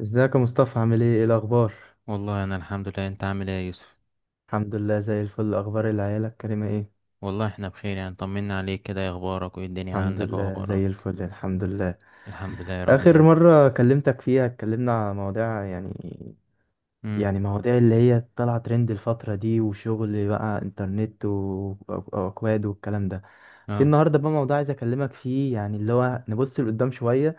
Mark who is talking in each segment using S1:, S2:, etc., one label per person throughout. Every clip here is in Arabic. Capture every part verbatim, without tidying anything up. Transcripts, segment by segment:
S1: ازيك يا مصطفى؟ عامل ايه؟ ايه الاخبار؟
S2: والله انا الحمد لله. انت عامل ايه يا يوسف؟
S1: الحمد لله زي الفل. اخبار العيله الكريمه ايه؟
S2: والله احنا بخير، يعني طمنا عليك كده. إيه اخبارك وايه الدنيا
S1: الحمد
S2: عندك
S1: لله
S2: واخبارك؟
S1: زي الفل، الحمد لله.
S2: الحمد لله يا رب
S1: اخر
S2: دايما.
S1: مره كلمتك فيها اتكلمنا على مواضيع، يعني
S2: امم.
S1: يعني مواضيع اللي هي طالعه ترند الفتره دي، وشغل بقى انترنت و- واكواد والكلام ده. في
S2: اه.
S1: النهارده بقى موضوع عايز اكلمك فيه، يعني اللي هو نبص لقدام شويه.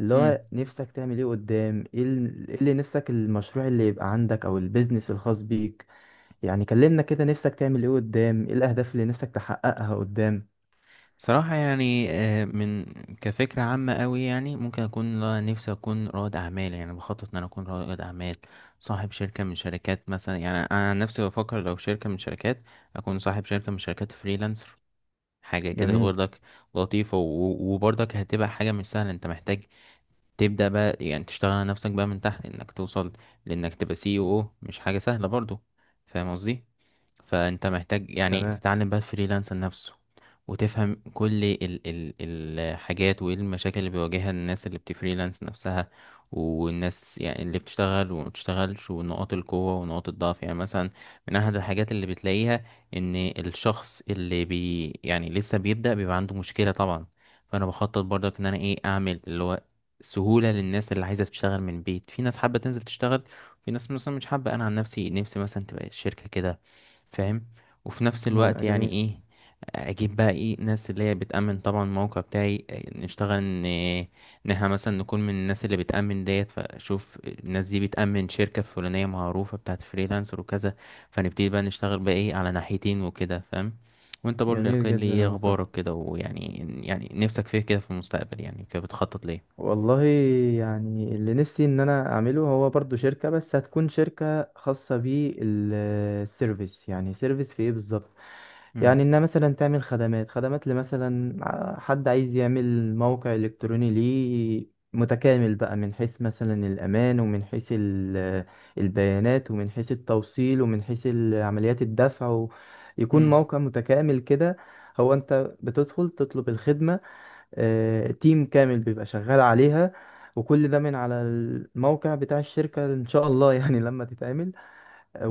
S1: اللي
S2: امم.
S1: هو نفسك تعمل ايه قدام؟ ايه ال- إيه اللي نفسك، المشروع اللي يبقى عندك او البيزنس الخاص بيك؟ يعني كلمنا كده، نفسك تعمل ايه قدام؟ ايه الاهداف اللي نفسك تحققها قدام؟
S2: بصراحه يعني آه، من كفكره عامه قوي، يعني ممكن اكون لا- نفسي اكون رائد اعمال، يعني بخطط ان انا اكون رائد اعمال، صاحب شركه من شركات مثلا. يعني انا عن نفسي بفكر لو شركه من شركات، اكون صاحب شركه من شركات فريلانسر، حاجه كده
S1: جميل.
S2: برضك. لطيفه و- وبرضك هتبقى حاجه مش سهله. انت محتاج تبدأ بقى، يعني تشتغل على نفسك بقى من تحت انك توصل لانك تبقى سي او، مش حاجة سهلة برضو. فاهم قصدي؟ فانت محتاج يعني
S1: تمام.
S2: تتعلم بقى الفريلانسر نفسه، وتفهم كل ال ال الحاجات وايه المشاكل اللي بيواجهها الناس اللي بتفريلانس نفسها، والناس يعني اللي بتشتغل وما بتشتغلش، ونقاط القوة ونقاط الضعف. يعني مثلا من احد الحاجات اللي بتلاقيها ان الشخص اللي بي يعني لسه بيبدأ بيبقى عنده مشكلة طبعا. فانا بخطط برضك ان انا ايه اعمل اللي هو سهولة للناس اللي عايزة تشتغل من البيت. في ناس حابة تنزل تشتغل، في ناس مثلا مش حابة. انا عن نفسي نفسي مثلا تبقى الشركة كده، فاهم؟ وفي نفس
S1: م-
S2: الوقت يعني
S1: جميل.
S2: ايه، اجيب بقى ايه ناس اللي هي بتأمن طبعا الموقع بتاعي. نشتغل ان ان احنا مثلا نكون من الناس اللي بتأمن ديت. فشوف الناس دي بتأمن شركة فلانية معروفة بتاعت فريلانسر وكذا، فنبتدي بقى نشتغل بقى ايه على ناحيتين وكده، فاهم؟ وانت برضه
S1: جميل
S2: يقول لي
S1: جدا يا
S2: ايه
S1: مصطفى.
S2: اخبارك كده ويعني، يعني نفسك فيه كده في المستقبل؟ يعني كده بتخطط ليه؟
S1: والله يعني اللي نفسي ان انا اعمله هو برضو شركة، بس هتكون شركة خاصة بالسيرفيس. يعني سيرفيس في ايه بالظبط؟
S2: امم.
S1: يعني انها مثلا تعمل خدمات. خدمات لمثلا ع- حد عايز يعمل موقع الكتروني ليه متكامل بقى، من حيث مثلا الامان، ومن حيث ال- البيانات، ومن حيث التوصيل، ومن حيث ال- عمليات الدفع، و- يكون
S2: امم.
S1: موقع متكامل كده. هو انت بتدخل تطلب الخدمة، آه، تيم كامل بيبقى شغال عليها، وكل ده من على الموقع بتاع الشركة ان شاء الله. يعني لما تتعمل،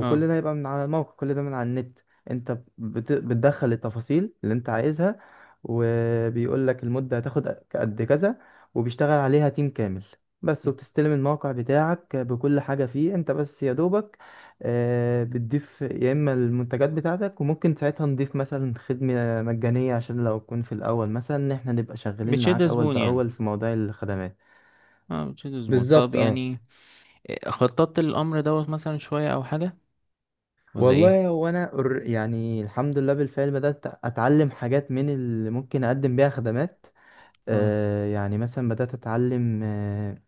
S2: اه،
S1: ده هيبقى من على الموقع، كل ده من على النت. انت بت... بتدخل التفاصيل اللي انت عايزها، وبيقول لك المدة هتاخد قد كذا، وبيشتغل عليها تيم كامل بس، وبتستلم الموقع بتاعك بكل حاجة فيه. انت بس يا دوبك آه، بتضيف يا اما المنتجات بتاعتك. وممكن ساعتها نضيف مثلا خدمة مجانية، عشان لو تكون في الاول مثلا ان احنا نبقى شغالين
S2: بتشد
S1: معاك اول
S2: زبون يعني.
S1: باول في مواضيع الخدمات.
S2: اه، بتشد زبون. طب
S1: بالظبط، اه.
S2: يعني إيه، خططت للأمر دوت مثلا شوية أو حاجة ولا إيه؟
S1: والله هو انا أر- يعني الحمد لله بالفعل بدات اتعلم حاجات من اللي ممكن اقدم بيها خدمات.
S2: اه.
S1: آه يعني مثلا بدات اتعلم، آه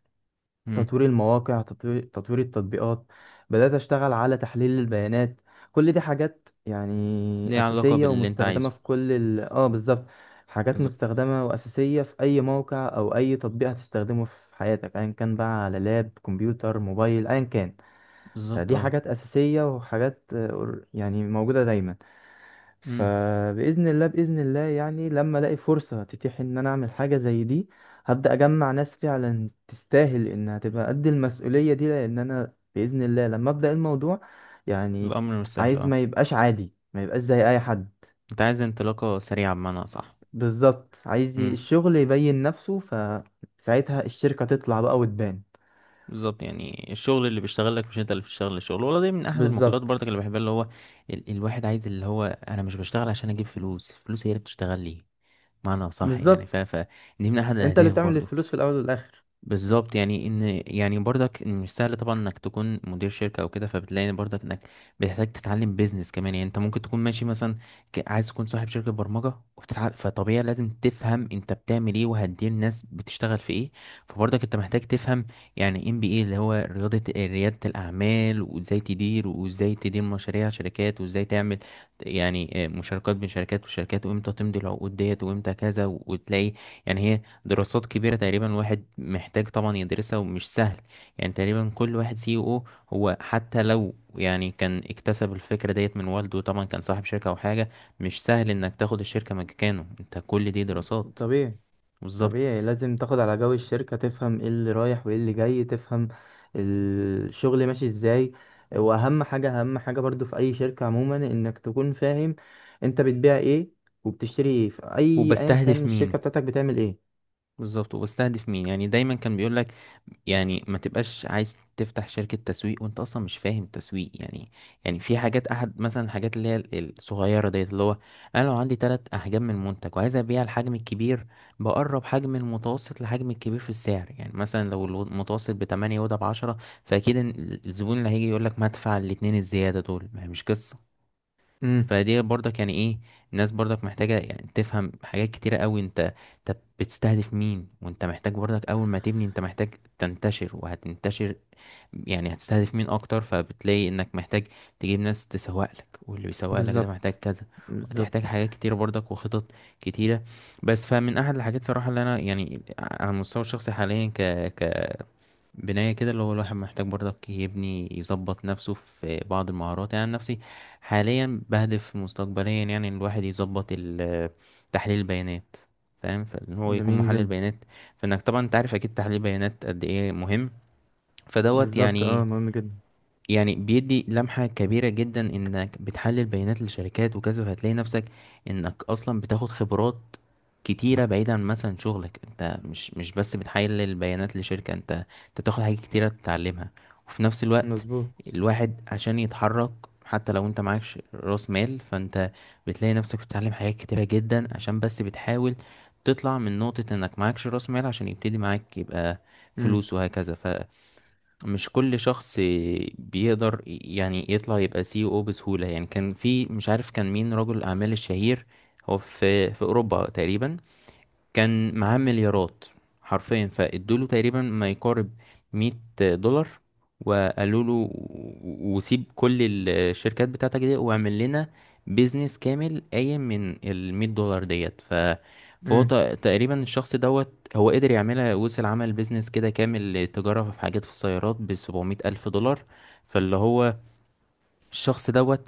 S2: امم.
S1: تطوير المواقع، تطوير, تطوير التطبيقات، بدات اشتغل على تحليل البيانات. كل دي حاجات يعني
S2: ليه علاقة
S1: اساسيه
S2: باللي أنت
S1: ومستخدمه
S2: عايزه.
S1: في كل ال... اه بالظبط. حاجات
S2: بالظبط.
S1: مستخدمه واساسيه في اي موقع او اي تطبيق هتستخدمه في حياتك، ايا كان بقى على لاب، كمبيوتر، موبايل، ايا كان.
S2: بالظبط
S1: فدي
S2: اه.
S1: حاجات أساسية وحاجات آه، أور- يعني موجودة دايما.
S2: امم.
S1: فبإذن الله، بإذن الله يعني لما ألاقي فرصة تتيح إن أنا أعمل حاجة زي دي، هبدأ أجمع ناس فعلا تستاهل إنها تبقى قد المسؤولية دي، لأن أنا بإذن الله لما أبدأ الموضوع يعني
S2: الأمر مش سهل
S1: عايز
S2: اه.
S1: ما يبقاش عادي، ما يبقاش زي أي حد.
S2: أنت عايز انطلاقة سريعة بمعنى صح.
S1: بالظبط. عايز ي-
S2: امم.
S1: الشغل يبين نفسه، فساعتها الشركة تطلع بقى وتبان.
S2: بالظبط، يعني الشغل اللي بيشتغلك مش أنت اللي بتشتغل الشغل، ولا دي من أحد المقولات
S1: بالظبط.
S2: برضك اللي بحبها، اللي هو ال الواحد عايز اللي هو أنا مش بشتغل عشان أجيب فلوس، فلوس هي اللي بتشتغل لي. معنى صح يعني ف
S1: بالظبط،
S2: ف دي من أحد
S1: أنت اللي
S2: الأهداف
S1: بتعمل
S2: برضو.
S1: الفلوس في الأول والآخر.
S2: بالظبط يعني ان، يعني برضك إن مش سهل طبعا انك تكون مدير شركه او كده، فبتلاقي إن برضك انك بتحتاج تتعلم بيزنس كمان. يعني انت ممكن تكون ماشي مثلا، ك- عايز تكون صاحب شركه برمجه وبتتعلم. فطبيعي لازم تفهم انت بتعمل ايه، وهتدير الناس بتشتغل في ايه. فبرضك انت محتاج تفهم، يعني ام بي اي اللي هو رياضه رياده الاعمال، وازاي تدير وازاي تدير مشاريع شركات، وازاي تعمل يعني آه، مشاركات بين شركات وشركات، وامتى تمضي العقود ديت وامتى كذا. وتلاقي يعني هي دراسات كبيرة تقريبا، واحد محتاج طبعا يدرسها ومش سهل. يعني تقريبا كل واحد سي او، هو حتى لو يعني كان اكتسب الفكرة ديت من والده، طبعا كان صاحب شركة او حاجة، مش سهل انك تاخد الشركة مكانه. انت كل دي دراسات.
S1: طبيعي.
S2: بالظبط.
S1: طبيعي، لازم تاخد على جو الشركة، تفهم ايه اللي رايح وايه اللي جاي، تفهم الشغل ماشي ازاي. واهم حاجة، اهم حاجة برضو في اي شركة عموما، انك تكون فاهم انت بتبيع ايه وبتشتري ايه، في اي، ايا كان
S2: وبستهدف مين.
S1: الشركة بتاعتك بتعمل ايه.
S2: بالظبط وبستهدف مين، يعني دايما كان بيقول لك يعني ما تبقاش عايز تفتح شركة تسويق وانت اصلا مش فاهم التسويق يعني. يعني في حاجات احد مثلا الحاجات اللي هي ال- الصغيرة ديت اللي هو انا لو عندي تلات احجام من منتج وعايز ابيع الحجم الكبير، بقرب حجم المتوسط لحجم الكبير في السعر. يعني مثلا لو المتوسط بتمانية وده بعشرة، فاكيد إن الزبون اللي هيجي يقول لك ما ادفع الاتنين الزيادة دول، ما هي مش قصة.
S1: امم.
S2: فدي برضك يعني ايه، الناس برضك محتاجة يعني تفهم حاجات كتيرة قوي انت. طب بتستهدف مين، وانت محتاج برضك اول ما تبني انت محتاج تنتشر وهتنتشر. يعني هتستهدف مين اكتر، فبتلاقي انك محتاج تجيب ناس تسوق لك، واللي بيسوق لك ده محتاج
S1: بالظبط.
S2: كذا. وهتحتاج
S1: بالظبط.
S2: حاجات كتيرة برضك وخطط كتيرة. بس فمن احد الحاجات صراحة اللي انا يعني على المستوى الشخصي حاليا ك ك بناية كده، اللي هو الواحد محتاج برضك يبني يظبط نفسه في بعض المهارات. يعني عن نفسي حاليا بهدف مستقبليا يعني إن الواحد يظبط ال- تحليل البيانات، فاهم، فان هو يكون
S1: جميل
S2: محلل
S1: جدا.
S2: بيانات. فانك طبعا انت عارف اكيد تحليل البيانات قد ايه مهم، فدوت
S1: بالظبط، اه،
S2: يعني.
S1: مهم جدا.
S2: يعني بيدي لمحة كبيرة جدا انك بتحلل بيانات لشركات وكذا، وهتلاقي نفسك انك اصلا بتاخد خبرات كتيرة بعيدا عن مثلا شغلك. انت مش مش بس بتحلل بيانات لشركة، انت انت بتاخد حاجات كتيرة تتعلمها. وفي نفس الوقت
S1: مظبوط.
S2: الواحد عشان يتحرك، حتى لو انت معكش راس مال، فانت بتلاقي نفسك بتتعلم حاجات كتيرة جدا عشان بس بتحاول تطلع من نقطة انك معكش راس مال، عشان يبتدي معاك يبقى
S1: امم.
S2: فلوس وهكذا. مش كل شخص بيقدر يعني يطلع يبقى سي او بسهولة. يعني كان في مش عارف كان مين رجل الأعمال الشهير، هو في في أوروبا تقريبا، كان معاه مليارات حرفيا. فادوله تقريبا ما يقارب مية دولار، وقالوا له و- وسيب كل الشركات بتاعتك دي واعمل لنا بيزنس كامل قايم من ال مية دولار ديت. ف فهو ت-
S1: امم.
S2: تقريبا الشخص دوت هو قدر يعملها. وصل عمل بيزنس كده كامل، تجارة في حاجات في السيارات ب سبعمية ألف دولار. فاللي هو الشخص دوت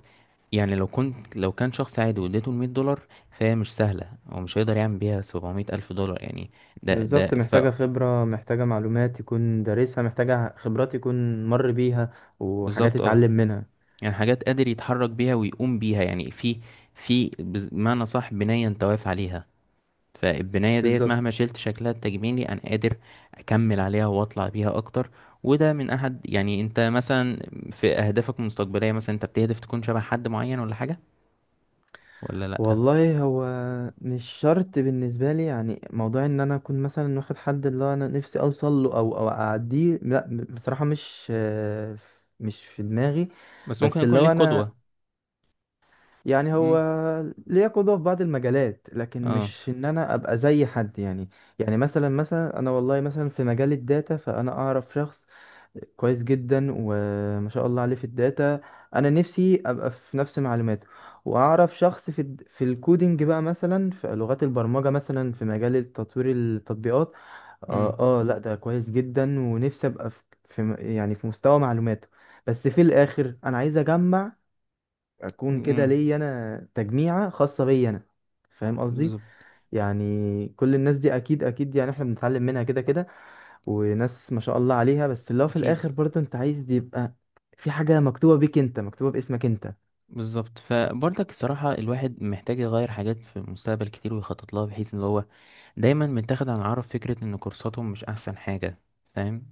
S2: يعني لو كنت لو كان شخص عادي واديته المية دولار، فهي مش سهلة، هو مش هيقدر يعمل بيها سبعمية ألف دولار يعني. ده ده
S1: بالظبط،
S2: ف
S1: محتاجة خبرة، محتاجة معلومات يكون دارسها، محتاجة خبرات يكون مر بيها، وحاجات
S2: بالظبط اه.
S1: يتعلم منها.
S2: يعني حاجات قادر يتحرك بيها ويقوم بيها يعني في في بز- بمعنى صح بناية انت واقف عليها. فالبناية ديت مهما
S1: بالظبط.
S2: شلت شكلها التجميلي أنا قادر أكمل عليها وأطلع بيها أكتر. وده من أحد، يعني أنت مثلا في أهدافك المستقبلية مثلا أنت بتهدف تكون شبه حد معين ولا حاجة ولا لأ؟
S1: والله هو مش شرط بالنسبة لي، يعني موضوع ان انا اكون مثلا واخد حد اللي هو انا نفسي اوصل له او او اعديه، لا ب- بصراحة مش، آه، مش في دماغي.
S2: بس ممكن
S1: بس
S2: يكون
S1: اللي هو
S2: ليك
S1: انا
S2: قدوة.
S1: يعني هو
S2: مم.
S1: ليا قدوة في بعض المجالات، لكن
S2: اه.
S1: مش ان انا ابقى زي حد يعني. يعني مثلا، مثلا انا والله مثلا في مجال الداتا، فانا اعرف شخص كويس جدا وما شاء الله عليه في الداتا، انا نفسي ابقى في نفس معلوماته. واعرف شخص في الد- في الكودينج بقى مثلا، في لغات البرمجة مثلا، في مجال تطوير التطبيقات.
S2: امم.
S1: اه, آه لا ده كويس جدا، ونفسي ابقى في في م- يعني في مستوى معلوماته. بس في الاخر انا عايز اجمع، اكون
S2: امم.
S1: كده ليا انا تجميعة خاصة بيا انا. فاهم قصدي؟
S2: بالظبط.
S1: يعني كل الناس دي اكيد، اكيد يعني احنا بنتعلم منها كده كده، وناس ما شاء الله عليها، بس اللي هو في
S2: اكيد.
S1: الاخر برضه انت عايز يبقى في حاجة مكتوبة بيك انت، مكتوبة باسمك انت.
S2: بالظبط. فبرضك الصراحه الواحد محتاج يغير حاجات في المستقبل كتير ويخطط لها، بحيث ان هو دايما متاخد عن العرب فكره ان كورساتهم مش احسن حاجه، فاهم.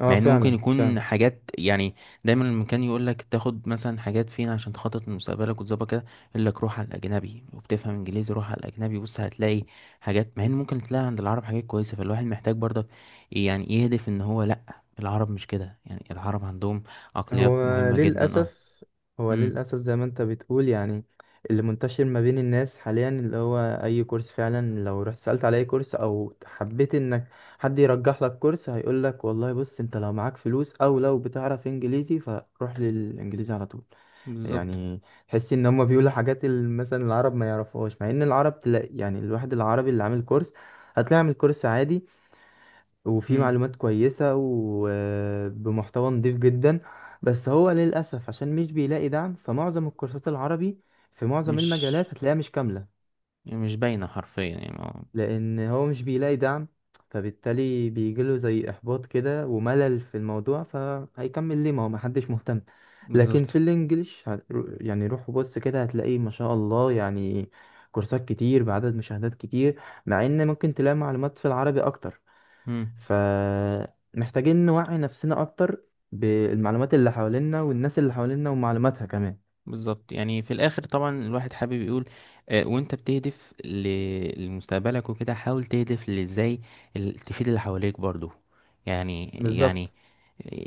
S1: اه،
S2: مع ان ممكن
S1: فعلا،
S2: يكون
S1: فعلا.
S2: حاجات يعني دايما المكان يقول لك تاخد مثلا حاجات فين عشان تخطط لمستقبلك وتظبط كده. يقول لك روح على الاجنبي، وبتفهم انجليزي روح على الاجنبي، بص هتلاقي حاجات. مع ان ممكن تلاقي عند العرب حاجات كويسه. فالواحد محتاج برضك يعني يهدف ان هو لا، العرب مش كده. يعني العرب عندهم
S1: هو
S2: عقليات مهمه جدا اه.
S1: للأسف، هو
S2: امم.
S1: للأسف زي ما انت بتقول، يعني اللي منتشر ما بين الناس حاليا اللي هو أي كورس، فعلا لو رحت سألت على أي كورس أو حبيت إنك حد يرجح لك كورس، هيقولك والله بص، انت لو معاك فلوس أو لو بتعرف إنجليزي فروح للإنجليزي على طول.
S2: بالظبط.
S1: يعني تحس ان هم بيقولوا حاجات ال- مثلا العرب ما يعرفوهاش، مع ان العرب تلاقي يعني الواحد العربي اللي عامل كورس، هتلاقي عامل كورس عادي وفيه
S2: امم.
S1: معلومات كويسة وبمحتوى نضيف جدا. بس هو للأسف عشان مش بيلاقي دعم، فمعظم الكورسات العربي في معظم
S2: مش
S1: المجالات هتلاقيها مش كاملة.
S2: مش باينه حرفيا يعني آه،
S1: لان هو مش بيلاقي دعم، فبالتالي بيجيله زي احباط كده وملل في الموضوع، فهيكمل ليه ما هو محدش مهتم. لكن
S2: بالظبط.
S1: في الانجليش هت- يعني روح وبص كده هتلاقيه ما شاء الله، يعني كورسات كتير بعدد مشاهدات كتير، مع ان ممكن تلاقي معلومات في العربي اكتر. فمحتاجين نوعي نفسنا اكتر بالمعلومات اللي حوالينا، والناس اللي حوالينا ومعلوماتها كمان.
S2: بالظبط، يعني في الاخر طبعا الواحد حابب يقول آه، وانت بتهدف ل- لمستقبلك وكده، حاول تهدف لازاي ال- تفيد اللي حواليك برضو. يعني يعني
S1: بالظبط.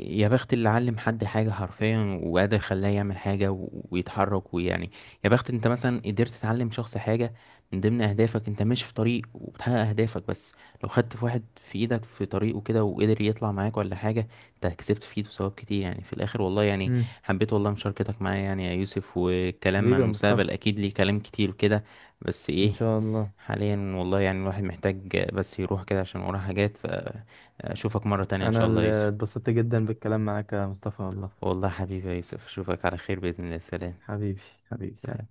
S2: يا بخت اللي علم حد حاجة حرفيا وقادر خلاه يعمل حاجة و- ويتحرك ويعني، يا بخت انت مثلا قدرت تعلم شخص حاجة. من ضمن اهدافك انت ماشي في طريق وبتحقق اهدافك، بس لو خدت في واحد في ايدك في طريقه كده وقدر يطلع معاك ولا حاجة، انت كسبت في ايده ثواب كتير يعني في الاخر والله يعني.
S1: مم.
S2: حبيت والله مشاركتك معايا يعني يا يوسف، والكلام
S1: حبيبي
S2: عن
S1: يا
S2: المستقبل
S1: مصطفى،
S2: اكيد ليه كلام كتير وكده. بس
S1: ان
S2: ايه،
S1: شاء الله.
S2: حاليا والله يعني الواحد محتاج بس يروح كده عشان وراه حاجات. فاشوفك مرة تانية ان
S1: انا
S2: شاء الله يا
S1: اللي
S2: يوسف.
S1: اتبسطت جدا بالكلام معاك يا مصطفى والله.
S2: والله حبيبي يا يوسف، اشوفك على خير بإذن الله. سلام.
S1: حبيبي. حبيبي،
S2: سلام.
S1: سلام.